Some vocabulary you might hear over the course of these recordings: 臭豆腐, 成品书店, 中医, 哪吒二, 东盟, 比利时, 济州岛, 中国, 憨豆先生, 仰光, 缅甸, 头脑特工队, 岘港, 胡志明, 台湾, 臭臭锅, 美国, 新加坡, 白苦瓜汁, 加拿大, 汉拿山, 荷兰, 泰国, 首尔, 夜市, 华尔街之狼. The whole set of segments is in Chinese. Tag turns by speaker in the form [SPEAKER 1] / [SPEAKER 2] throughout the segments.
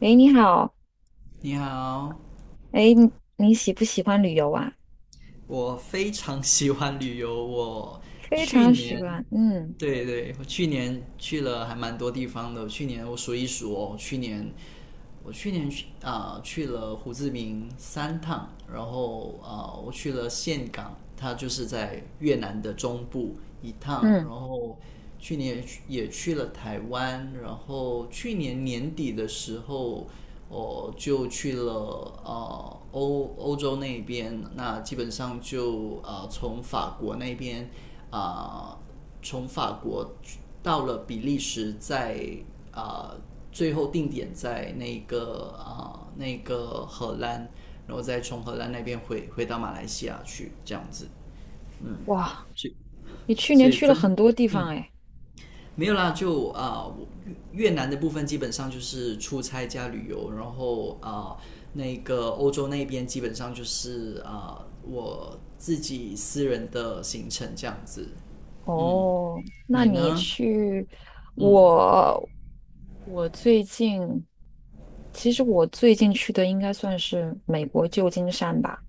[SPEAKER 1] 诶，你好。
[SPEAKER 2] 你好，
[SPEAKER 1] 诶，你喜不喜欢旅游啊？
[SPEAKER 2] 我非常喜欢旅游。我
[SPEAKER 1] 非
[SPEAKER 2] 去
[SPEAKER 1] 常喜
[SPEAKER 2] 年，
[SPEAKER 1] 欢，嗯
[SPEAKER 2] 对对，我去年去了还蛮多地方的。去年我数一数哦，去年去了胡志明三趟，然后我去了岘港，它就是在越南的中部一趟。
[SPEAKER 1] 嗯。
[SPEAKER 2] 然后去年也去了台湾，然后去年年底的时候，我就去了欧洲那边。那基本上就从法国那边，啊、呃从法国到了比利时在，啊呃最后定点在那个荷兰，然后再从荷兰那边回到马来西亚去这样子。
[SPEAKER 1] 哇，
[SPEAKER 2] 去
[SPEAKER 1] 你去
[SPEAKER 2] 所
[SPEAKER 1] 年
[SPEAKER 2] 以
[SPEAKER 1] 去了
[SPEAKER 2] 真
[SPEAKER 1] 很多地方
[SPEAKER 2] 嗯
[SPEAKER 1] 诶。
[SPEAKER 2] 没有啦，就越南的部分基本上就是出差加旅游，然后那个欧洲那边基本上就是我自己私人的行程这样子。嗯，
[SPEAKER 1] 哦，那
[SPEAKER 2] 你
[SPEAKER 1] 你
[SPEAKER 2] 呢？
[SPEAKER 1] 去
[SPEAKER 2] 嗯，
[SPEAKER 1] 我我最近，其实我最近去的应该算是美国旧金山吧。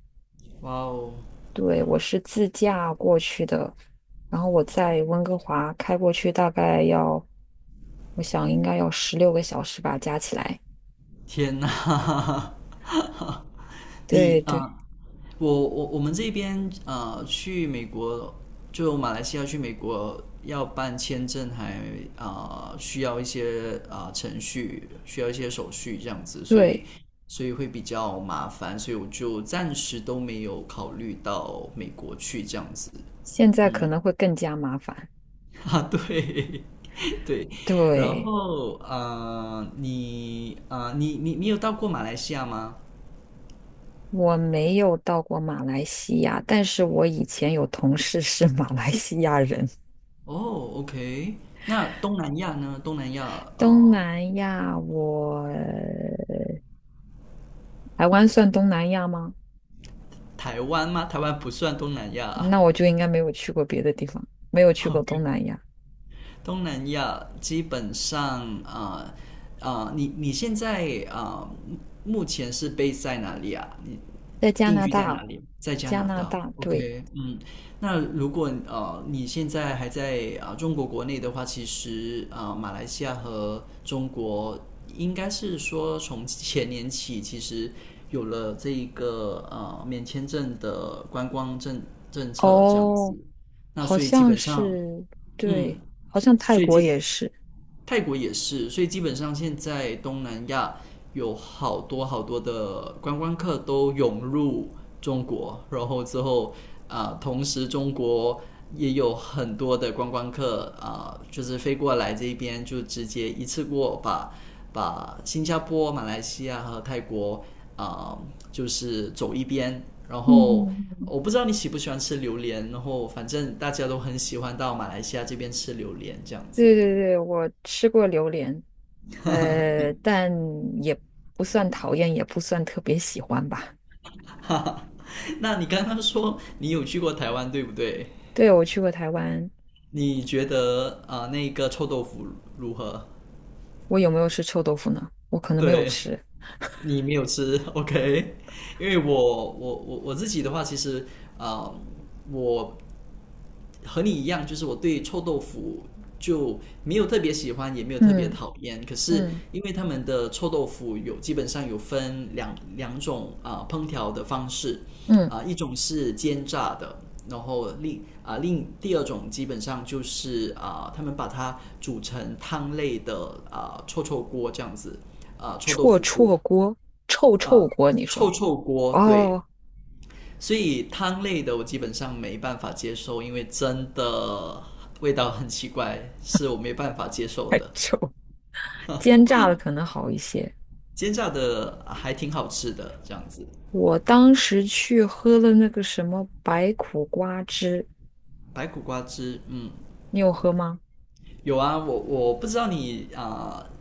[SPEAKER 2] 哇哦，
[SPEAKER 1] 对，我是自驾过去的，然后我在温哥华开过去，大概要，我想应该要16个小时吧，加起来。
[SPEAKER 2] 天哪！
[SPEAKER 1] 对
[SPEAKER 2] 你啊、
[SPEAKER 1] 对
[SPEAKER 2] 呃我们这边去美国，就马来西亚去美国要办签证还需要一些程序，需要一些手续这样子，所以
[SPEAKER 1] 对。
[SPEAKER 2] 会比较麻烦，所以我就暂时都没有考虑到美国去这样子。
[SPEAKER 1] 现在
[SPEAKER 2] 嗯，
[SPEAKER 1] 可能会更加麻烦。
[SPEAKER 2] 啊，对 对，然
[SPEAKER 1] 对，
[SPEAKER 2] 后你有到过马来西亚吗？
[SPEAKER 1] 我没有到过马来西亚，但是我以前有同事是 马来西亚人。
[SPEAKER 2] 哦，OK,那东南亚呢？东南亚啊。
[SPEAKER 1] 东南亚我，台湾算东南亚吗？
[SPEAKER 2] 台湾吗？台湾不算东南亚。
[SPEAKER 1] 那我就应该没有去过别的地方，没有去 过
[SPEAKER 2] OK,
[SPEAKER 1] 东南亚。
[SPEAKER 2] 东南亚基本上啊你现在啊、呃目前是 b 在哪里啊？你
[SPEAKER 1] 在加
[SPEAKER 2] 定
[SPEAKER 1] 拿
[SPEAKER 2] 居在哪
[SPEAKER 1] 大，
[SPEAKER 2] 里？在加
[SPEAKER 1] 加
[SPEAKER 2] 拿
[SPEAKER 1] 拿
[SPEAKER 2] 大。
[SPEAKER 1] 大，对。
[SPEAKER 2] OK,嗯，那如果你现在还在中国国内的话，其实马来西亚和中国应该是说从前年起，其实有了这一个免签证的观光政策这样
[SPEAKER 1] 哦，
[SPEAKER 2] 子。那
[SPEAKER 1] 好
[SPEAKER 2] 所以基
[SPEAKER 1] 像
[SPEAKER 2] 本上，
[SPEAKER 1] 是，
[SPEAKER 2] 嗯，
[SPEAKER 1] 对，好像泰
[SPEAKER 2] 所以
[SPEAKER 1] 国
[SPEAKER 2] 基
[SPEAKER 1] 也是。
[SPEAKER 2] 泰国也是，所以基本上现在东南亚有好多好多的观光客都涌入中国，然后之后同时中国也有很多的观光客就是飞过来这边就直接一次过把新加坡、马来西亚和泰国啊、呃就是走一边，然后。
[SPEAKER 1] 嗯，
[SPEAKER 2] 我不知道你喜不喜欢吃榴莲，然后反正大家都很喜欢到马来西亚这边吃榴莲这样子。
[SPEAKER 1] 对对对，我吃过榴莲，但也不算讨厌，也不算特别喜欢吧。
[SPEAKER 2] 那你刚刚说你有去过台湾，对不对？
[SPEAKER 1] 对，我去过台湾。
[SPEAKER 2] 你觉得啊，那个臭豆腐如何？
[SPEAKER 1] 我有没有吃臭豆腐呢？我可能没有
[SPEAKER 2] 对，
[SPEAKER 1] 吃。
[SPEAKER 2] 你没有吃 ，OK?因为我自己的话，其实啊，我和你一样，就是我对臭豆腐就没有特别喜欢，也没有特别
[SPEAKER 1] 嗯
[SPEAKER 2] 讨厌。可是
[SPEAKER 1] 嗯
[SPEAKER 2] 因为他们的臭豆腐基本上有分两种烹调的方式，
[SPEAKER 1] 嗯，
[SPEAKER 2] 一种是煎炸的，然后另第二种基本上就是他们把它煮成汤类的臭臭锅这样子，啊、呃臭豆
[SPEAKER 1] 臭
[SPEAKER 2] 腐锅
[SPEAKER 1] 臭锅，臭
[SPEAKER 2] 啊、
[SPEAKER 1] 臭
[SPEAKER 2] 呃
[SPEAKER 1] 锅，你说。
[SPEAKER 2] 臭臭锅对。
[SPEAKER 1] 哦，
[SPEAKER 2] 所以汤类的我基本上没办法接受，因为真的味道很奇怪，是我没办法接受
[SPEAKER 1] 还
[SPEAKER 2] 的。
[SPEAKER 1] 臭，煎炸的可能好一些。
[SPEAKER 2] 煎炸的还挺好吃的，这样子。
[SPEAKER 1] 我当时去喝了那个什么白苦瓜汁，
[SPEAKER 2] 白苦瓜汁，嗯，
[SPEAKER 1] 你有喝吗？
[SPEAKER 2] 有啊，我不知道你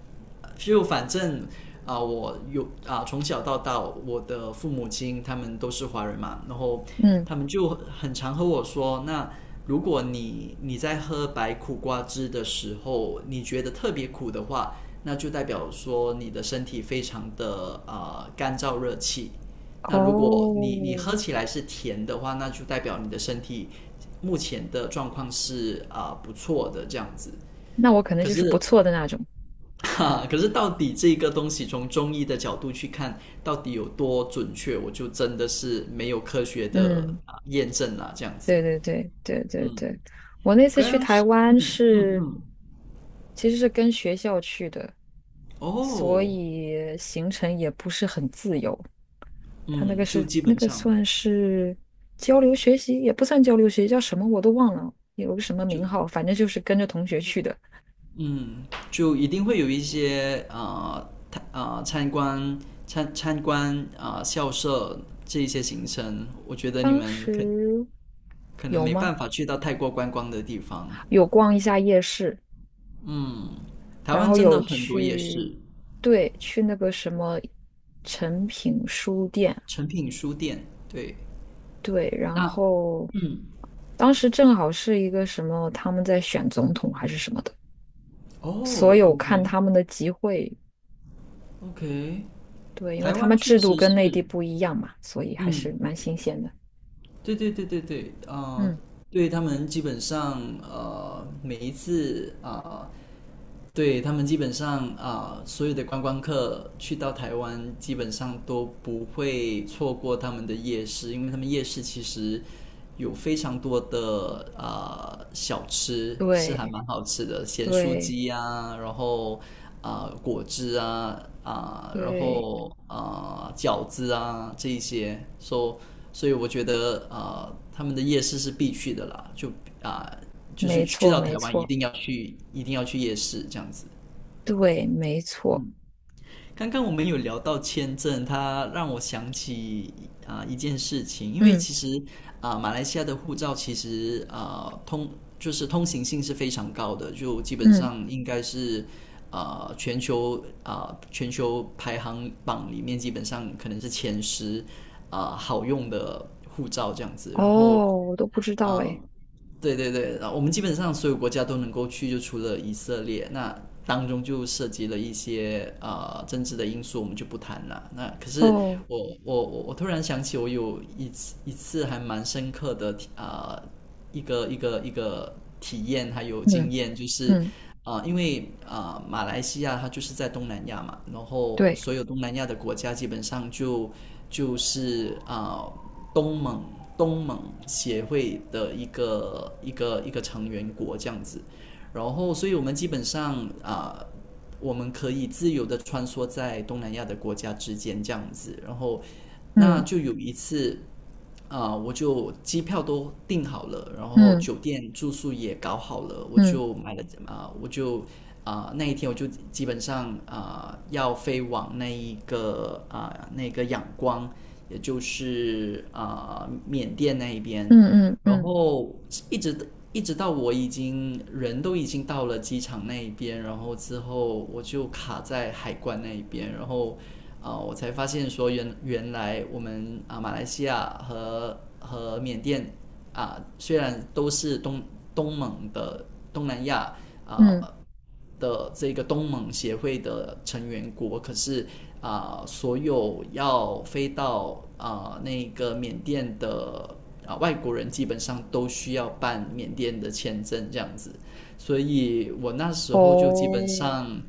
[SPEAKER 2] 就反正我有从小到大，我的父母亲他们都是华人嘛，然后
[SPEAKER 1] 嗯。
[SPEAKER 2] 他们就很常和我说，那如果你在喝白苦瓜汁的时候，你觉得特别苦的话，那就代表说你的身体非常的干燥热气。那如果你
[SPEAKER 1] 哦，
[SPEAKER 2] 喝起来是甜的话，那就代表你的身体目前的状况是不错的这样子。
[SPEAKER 1] 那我可能
[SPEAKER 2] 可
[SPEAKER 1] 就
[SPEAKER 2] 是
[SPEAKER 1] 是不错的那种。
[SPEAKER 2] 哈，可是到底这个东西从中医的角度去看，到底有多准确，我就真的是没有科学的
[SPEAKER 1] 嗯。
[SPEAKER 2] 验证啦，这样子。
[SPEAKER 1] 对对对对对
[SPEAKER 2] 嗯，
[SPEAKER 1] 对，我那
[SPEAKER 2] 我
[SPEAKER 1] 次
[SPEAKER 2] 刚
[SPEAKER 1] 去
[SPEAKER 2] 刚
[SPEAKER 1] 台
[SPEAKER 2] 是
[SPEAKER 1] 湾是其实是跟学校去的，所
[SPEAKER 2] 哦
[SPEAKER 1] 以行程也不是很自由。他那
[SPEAKER 2] 嗯，
[SPEAKER 1] 个
[SPEAKER 2] 就
[SPEAKER 1] 是
[SPEAKER 2] 基
[SPEAKER 1] 那
[SPEAKER 2] 本
[SPEAKER 1] 个
[SPEAKER 2] 上
[SPEAKER 1] 算是交流学习，也不算交流学习，叫什么我都忘了，有个什么名
[SPEAKER 2] 就
[SPEAKER 1] 号，反正就是跟着同学去的。
[SPEAKER 2] 嗯就一定会有一些参观校舍这一些行程，我觉得你
[SPEAKER 1] 当
[SPEAKER 2] 们
[SPEAKER 1] 时
[SPEAKER 2] 可能
[SPEAKER 1] 有
[SPEAKER 2] 没
[SPEAKER 1] 吗？
[SPEAKER 2] 办法去到太过观光的地方。
[SPEAKER 1] 有逛一下夜市，
[SPEAKER 2] 嗯，台
[SPEAKER 1] 然
[SPEAKER 2] 湾
[SPEAKER 1] 后
[SPEAKER 2] 真的
[SPEAKER 1] 有
[SPEAKER 2] 很多夜
[SPEAKER 1] 去，
[SPEAKER 2] 市。
[SPEAKER 1] 对，去那个什么诚品书店。
[SPEAKER 2] 成品书店。对，
[SPEAKER 1] 对，然
[SPEAKER 2] 那
[SPEAKER 1] 后当时正好是一个什么，他们在选总统还是什么的，
[SPEAKER 2] 哦
[SPEAKER 1] 所有
[SPEAKER 2] ，OK
[SPEAKER 1] 看他们的集会，
[SPEAKER 2] OK，
[SPEAKER 1] 对，因为
[SPEAKER 2] 台
[SPEAKER 1] 他
[SPEAKER 2] 湾
[SPEAKER 1] 们
[SPEAKER 2] 确
[SPEAKER 1] 制度
[SPEAKER 2] 实
[SPEAKER 1] 跟内地
[SPEAKER 2] 是，
[SPEAKER 1] 不一样嘛，所以还是
[SPEAKER 2] 嗯，
[SPEAKER 1] 蛮新鲜的。
[SPEAKER 2] 对对对对对，啊、
[SPEAKER 1] 嗯，
[SPEAKER 2] 对他们基本上呃每一次啊、呃对他们基本上所有的观光客去到台湾，基本上都不会错过他们的夜市，因为他们夜市其实有非常多的小吃是还
[SPEAKER 1] 对
[SPEAKER 2] 蛮好吃的，咸酥
[SPEAKER 1] 对
[SPEAKER 2] 鸡啊，然后果汁啊然
[SPEAKER 1] 对，
[SPEAKER 2] 后饺子啊这一些，所以我觉得他们的夜市是必去的啦，就啊、就是
[SPEAKER 1] 没
[SPEAKER 2] 去
[SPEAKER 1] 错
[SPEAKER 2] 到
[SPEAKER 1] 没
[SPEAKER 2] 台湾一
[SPEAKER 1] 错，
[SPEAKER 2] 定要去，一定要去夜市这样子。
[SPEAKER 1] 对没错，
[SPEAKER 2] 刚刚我们有聊到签证，它让我想起一件事情，因为
[SPEAKER 1] 嗯
[SPEAKER 2] 其实马来西亚的护照其实啊、呃通就是通行性是非常高的，就基本
[SPEAKER 1] 嗯，
[SPEAKER 2] 上应该是全球全球排行榜里面基本上可能是前十好用的护照这样子，然后。
[SPEAKER 1] 哦，我都不知道哎，
[SPEAKER 2] 嗯，对对对，然后我们基本上所有国家都能够去，就除了以色列，那当中就涉及了一些政治的因素，我们就不谈了。那可是
[SPEAKER 1] 哦，
[SPEAKER 2] 我突然想起，我有一次还蛮深刻的一个体验还有经
[SPEAKER 1] 嗯
[SPEAKER 2] 验，就是
[SPEAKER 1] 嗯，
[SPEAKER 2] 啊，因为啊马来西亚它就是在东南亚嘛，然后
[SPEAKER 1] 对，
[SPEAKER 2] 所有东南亚的国家基本上就。就是东盟东盟协会的一个成员国这样子，然后所以我们基本上啊、呃我们可以自由的穿梭在东南亚的国家之间这样子，然后那
[SPEAKER 1] 嗯
[SPEAKER 2] 就有一次我就机票都订好了，然后
[SPEAKER 1] 嗯
[SPEAKER 2] 酒店住宿也搞好了，我
[SPEAKER 1] 嗯
[SPEAKER 2] 就买了啊、我就啊、那一天我就基本上要飞往那一个那个仰光，也就是缅甸那一边，
[SPEAKER 1] 嗯嗯
[SPEAKER 2] 然
[SPEAKER 1] 嗯
[SPEAKER 2] 后一直到我已经人都已经到了机场那一边，然后之后我就卡在海关那一边，然后。呃，我才发现说原来我们马来西亚和缅甸虽然都是东东盟的东南亚啊、
[SPEAKER 1] 嗯，
[SPEAKER 2] 的这个东盟协会的成员国，可是所有要飞到那个缅甸的外国人，基本上都需要办缅甸的签证这样子。所以我那时候就基本
[SPEAKER 1] 哦。
[SPEAKER 2] 上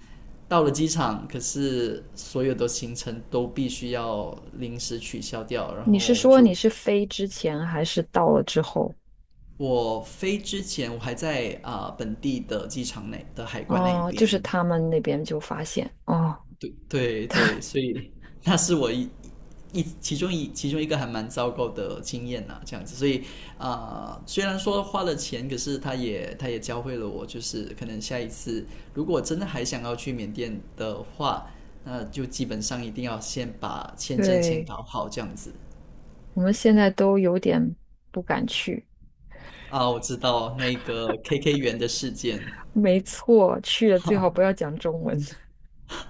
[SPEAKER 2] 到了机场，可是所有的行程都必须要临时取消掉，然
[SPEAKER 1] 你是
[SPEAKER 2] 后
[SPEAKER 1] 说你
[SPEAKER 2] 就
[SPEAKER 1] 是飞之前还是到了之后？
[SPEAKER 2] 我飞之前我还在本地的机场内的海关那一
[SPEAKER 1] 哦，就
[SPEAKER 2] 边。
[SPEAKER 1] 是他们那边就发现哦，
[SPEAKER 2] 对对对，所以那是一其中一其中一个还蛮糟糕的经验呐，这样子，所以虽然说花了钱，可是他也教会了我，就是可能下一次如果真的还想要去缅甸的话，那就基本上一定要先把签证先
[SPEAKER 1] 对，
[SPEAKER 2] 搞好，这样子。
[SPEAKER 1] 我们现在都有点不敢去。
[SPEAKER 2] 啊，我知道那个 KK 园的事件。
[SPEAKER 1] 没错，去了最好不要讲中文，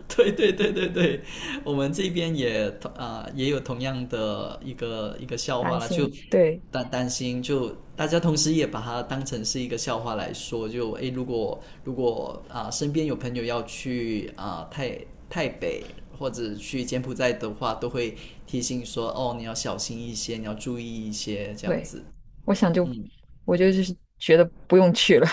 [SPEAKER 2] 对对对对对，我们这边也也有同样的一个 笑
[SPEAKER 1] 担
[SPEAKER 2] 话啦，就
[SPEAKER 1] 心。对
[SPEAKER 2] 担心，就大家同时也把它当成是一个笑话来说。就诶，如果身边有朋友要去泰北或者去柬埔寨的话，都会提醒说哦，你要小心一些，你要注意一些这样
[SPEAKER 1] 对，
[SPEAKER 2] 子。
[SPEAKER 1] 我想就
[SPEAKER 2] 嗯，
[SPEAKER 1] 我就就是觉得不用去了。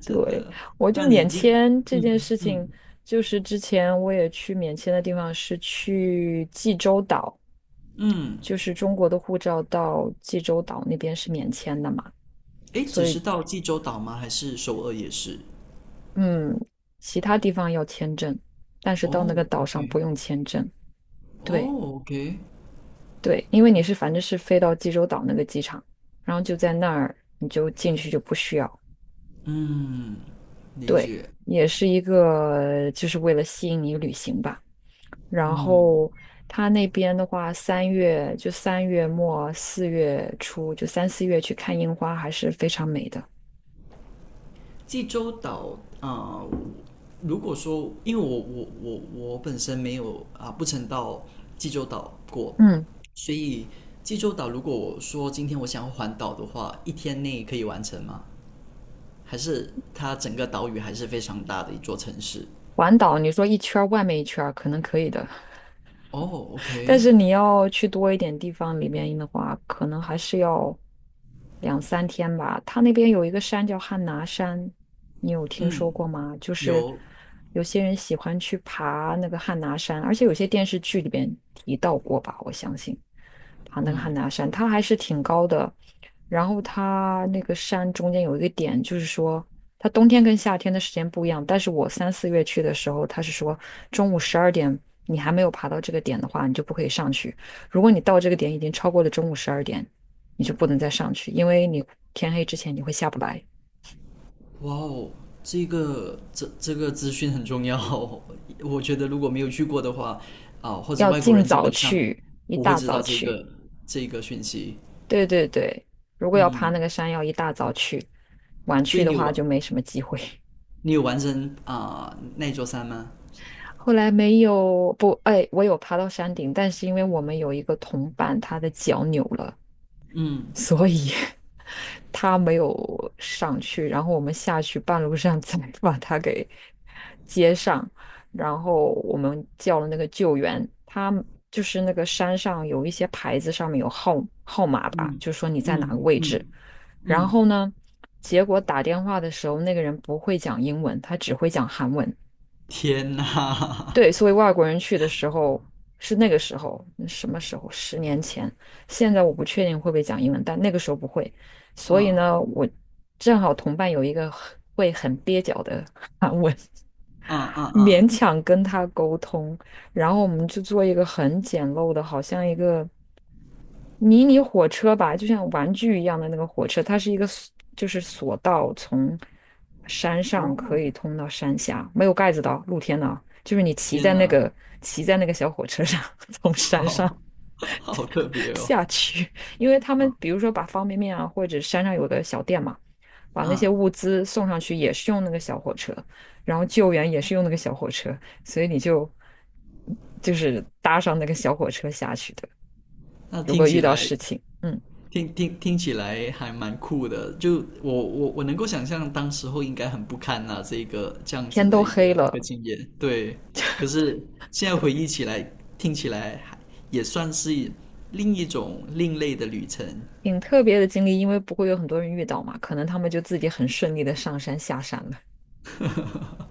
[SPEAKER 2] 真
[SPEAKER 1] 对，
[SPEAKER 2] 的。
[SPEAKER 1] 我就
[SPEAKER 2] 那你已
[SPEAKER 1] 免
[SPEAKER 2] 经
[SPEAKER 1] 签这
[SPEAKER 2] 嗯
[SPEAKER 1] 件事情，
[SPEAKER 2] 嗯
[SPEAKER 1] 就是之前我也去免签的地方是去济州岛，
[SPEAKER 2] 嗯，
[SPEAKER 1] 就是中国的护照到济州岛那边是免签的嘛，
[SPEAKER 2] 诶，只
[SPEAKER 1] 所
[SPEAKER 2] 是
[SPEAKER 1] 以
[SPEAKER 2] 到济州岛吗？还是首尔也是？
[SPEAKER 1] 嗯，其他地方要签证，但是到那
[SPEAKER 2] 哦
[SPEAKER 1] 个岛上不
[SPEAKER 2] ，OK,
[SPEAKER 1] 用签证。对
[SPEAKER 2] 哦，OK,
[SPEAKER 1] 对，因为反正是飞到济州岛那个机场，然后就在那儿你就进去就不需要。
[SPEAKER 2] 嗯，理
[SPEAKER 1] 对，
[SPEAKER 2] 解，
[SPEAKER 1] 也是一个就是为了吸引你旅行吧。然
[SPEAKER 2] 嗯。
[SPEAKER 1] 后他那边的话，三月末4月初，就三四月去看樱花还是非常美的。
[SPEAKER 2] 济州岛呃如果说因为我本身没有不曾到济州岛过，
[SPEAKER 1] 嗯，
[SPEAKER 2] 所以济州岛如果我说今天我想要环岛的话，一天内可以完成吗？还是它整个岛屿还是非常大的一座城市？
[SPEAKER 1] 环岛你说一圈儿外面一圈儿可能可以的，
[SPEAKER 2] 哦
[SPEAKER 1] 但
[SPEAKER 2] ，OK,
[SPEAKER 1] 是你要去多一点地方里面的话，可能还是要两三天吧。它那边有一个山叫汉拿山，你有听
[SPEAKER 2] 嗯，
[SPEAKER 1] 说过吗？就是
[SPEAKER 2] 有，
[SPEAKER 1] 有些人喜欢去爬那个汉拿山，而且有些电视剧里边提到过吧，我相信爬那个汉拿山，它还是挺高的。然后它那个山中间有一个点，就是说。它冬天跟夏天的时间不一样，但是我三四月去的时候，他是说中午十二点你还没有爬到这个点的话，你就不可以上去。如果你到这个点已经超过了中午十二点，你就不能再上去，因为你天黑之前你会下不来。
[SPEAKER 2] 哇哦，这个资讯很重要哦，我觉得如果没有去过的话，或者
[SPEAKER 1] 要
[SPEAKER 2] 外国
[SPEAKER 1] 尽
[SPEAKER 2] 人基
[SPEAKER 1] 早
[SPEAKER 2] 本上
[SPEAKER 1] 去，一
[SPEAKER 2] 不会
[SPEAKER 1] 大
[SPEAKER 2] 知
[SPEAKER 1] 早
[SPEAKER 2] 道
[SPEAKER 1] 去。
[SPEAKER 2] 这个讯息。
[SPEAKER 1] 对对对，如果要爬那
[SPEAKER 2] 嗯，
[SPEAKER 1] 个山，要一大早去，晚
[SPEAKER 2] 所
[SPEAKER 1] 去
[SPEAKER 2] 以
[SPEAKER 1] 的话就没什么机会。
[SPEAKER 2] 你有完成那座山吗？
[SPEAKER 1] 后来没有，不，哎，我有爬到山顶，但是因为我们有一个同伴，他的脚扭了，所以他没有上去，然后我们下去半路上 再把他给接上，然后我们叫了那个救援，他就是那个山上有一些牌子上面有号码吧，
[SPEAKER 2] 嗯
[SPEAKER 1] 就说你在哪
[SPEAKER 2] 嗯
[SPEAKER 1] 个位
[SPEAKER 2] 嗯
[SPEAKER 1] 置，然
[SPEAKER 2] 嗯，
[SPEAKER 1] 后呢，结果打电话的时候那个人不会讲英文，他只会讲韩文。
[SPEAKER 2] 天呐，
[SPEAKER 1] 对，所以外国人去的时候是那个时候，那什么时候？10年前。现在我不确定会不会讲英文，但那个时候不会。所以
[SPEAKER 2] 嗯
[SPEAKER 1] 呢，我正好同伴有一个很蹩脚的，
[SPEAKER 2] 嗯嗯
[SPEAKER 1] 勉
[SPEAKER 2] 嗯，
[SPEAKER 1] 强跟他沟通，然后我们就做一个很简陋的，好像一个迷你火车吧，就像玩具一样的那个火车，它是一个 就是索道，从山上可
[SPEAKER 2] 哦，
[SPEAKER 1] 以通到山下，没有盖子的哦露天的哦就是你骑
[SPEAKER 2] 天
[SPEAKER 1] 在那
[SPEAKER 2] 呐，
[SPEAKER 1] 个骑在那个小火车上，从山上
[SPEAKER 2] 好 好特别 哦，
[SPEAKER 1] 下去，因为他们比如说把方便面啊，或者山上有个小店嘛，把那些
[SPEAKER 2] 嗯，
[SPEAKER 1] 物资送上去也是用那个小火车，然后救援也是用那个小火车，所以你就是搭上那个小火车下去的，
[SPEAKER 2] 那
[SPEAKER 1] 如
[SPEAKER 2] 听
[SPEAKER 1] 果遇
[SPEAKER 2] 起
[SPEAKER 1] 到
[SPEAKER 2] 来
[SPEAKER 1] 事情。嗯。
[SPEAKER 2] 听起来还蛮酷的，就我能够想象当时候应该很不堪呐、这样子
[SPEAKER 1] 天都
[SPEAKER 2] 的
[SPEAKER 1] 黑
[SPEAKER 2] 一个
[SPEAKER 1] 了，
[SPEAKER 2] 经验，对。可是现在
[SPEAKER 1] 对，
[SPEAKER 2] 回忆起来，听起来还也算是另一种另类的旅程。
[SPEAKER 1] 挺特别的经历，因为不会有很多人遇到嘛，可能他们就自己很顺利的上山下山了。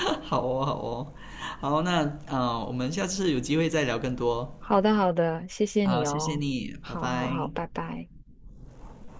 [SPEAKER 2] 好哦，好哦，好，那我们下次有机会再聊更多。
[SPEAKER 1] 好的，好的，谢谢
[SPEAKER 2] 好，
[SPEAKER 1] 你
[SPEAKER 2] 谢谢
[SPEAKER 1] 哦，
[SPEAKER 2] 你，拜
[SPEAKER 1] 好好好，
[SPEAKER 2] 拜。
[SPEAKER 1] 拜拜。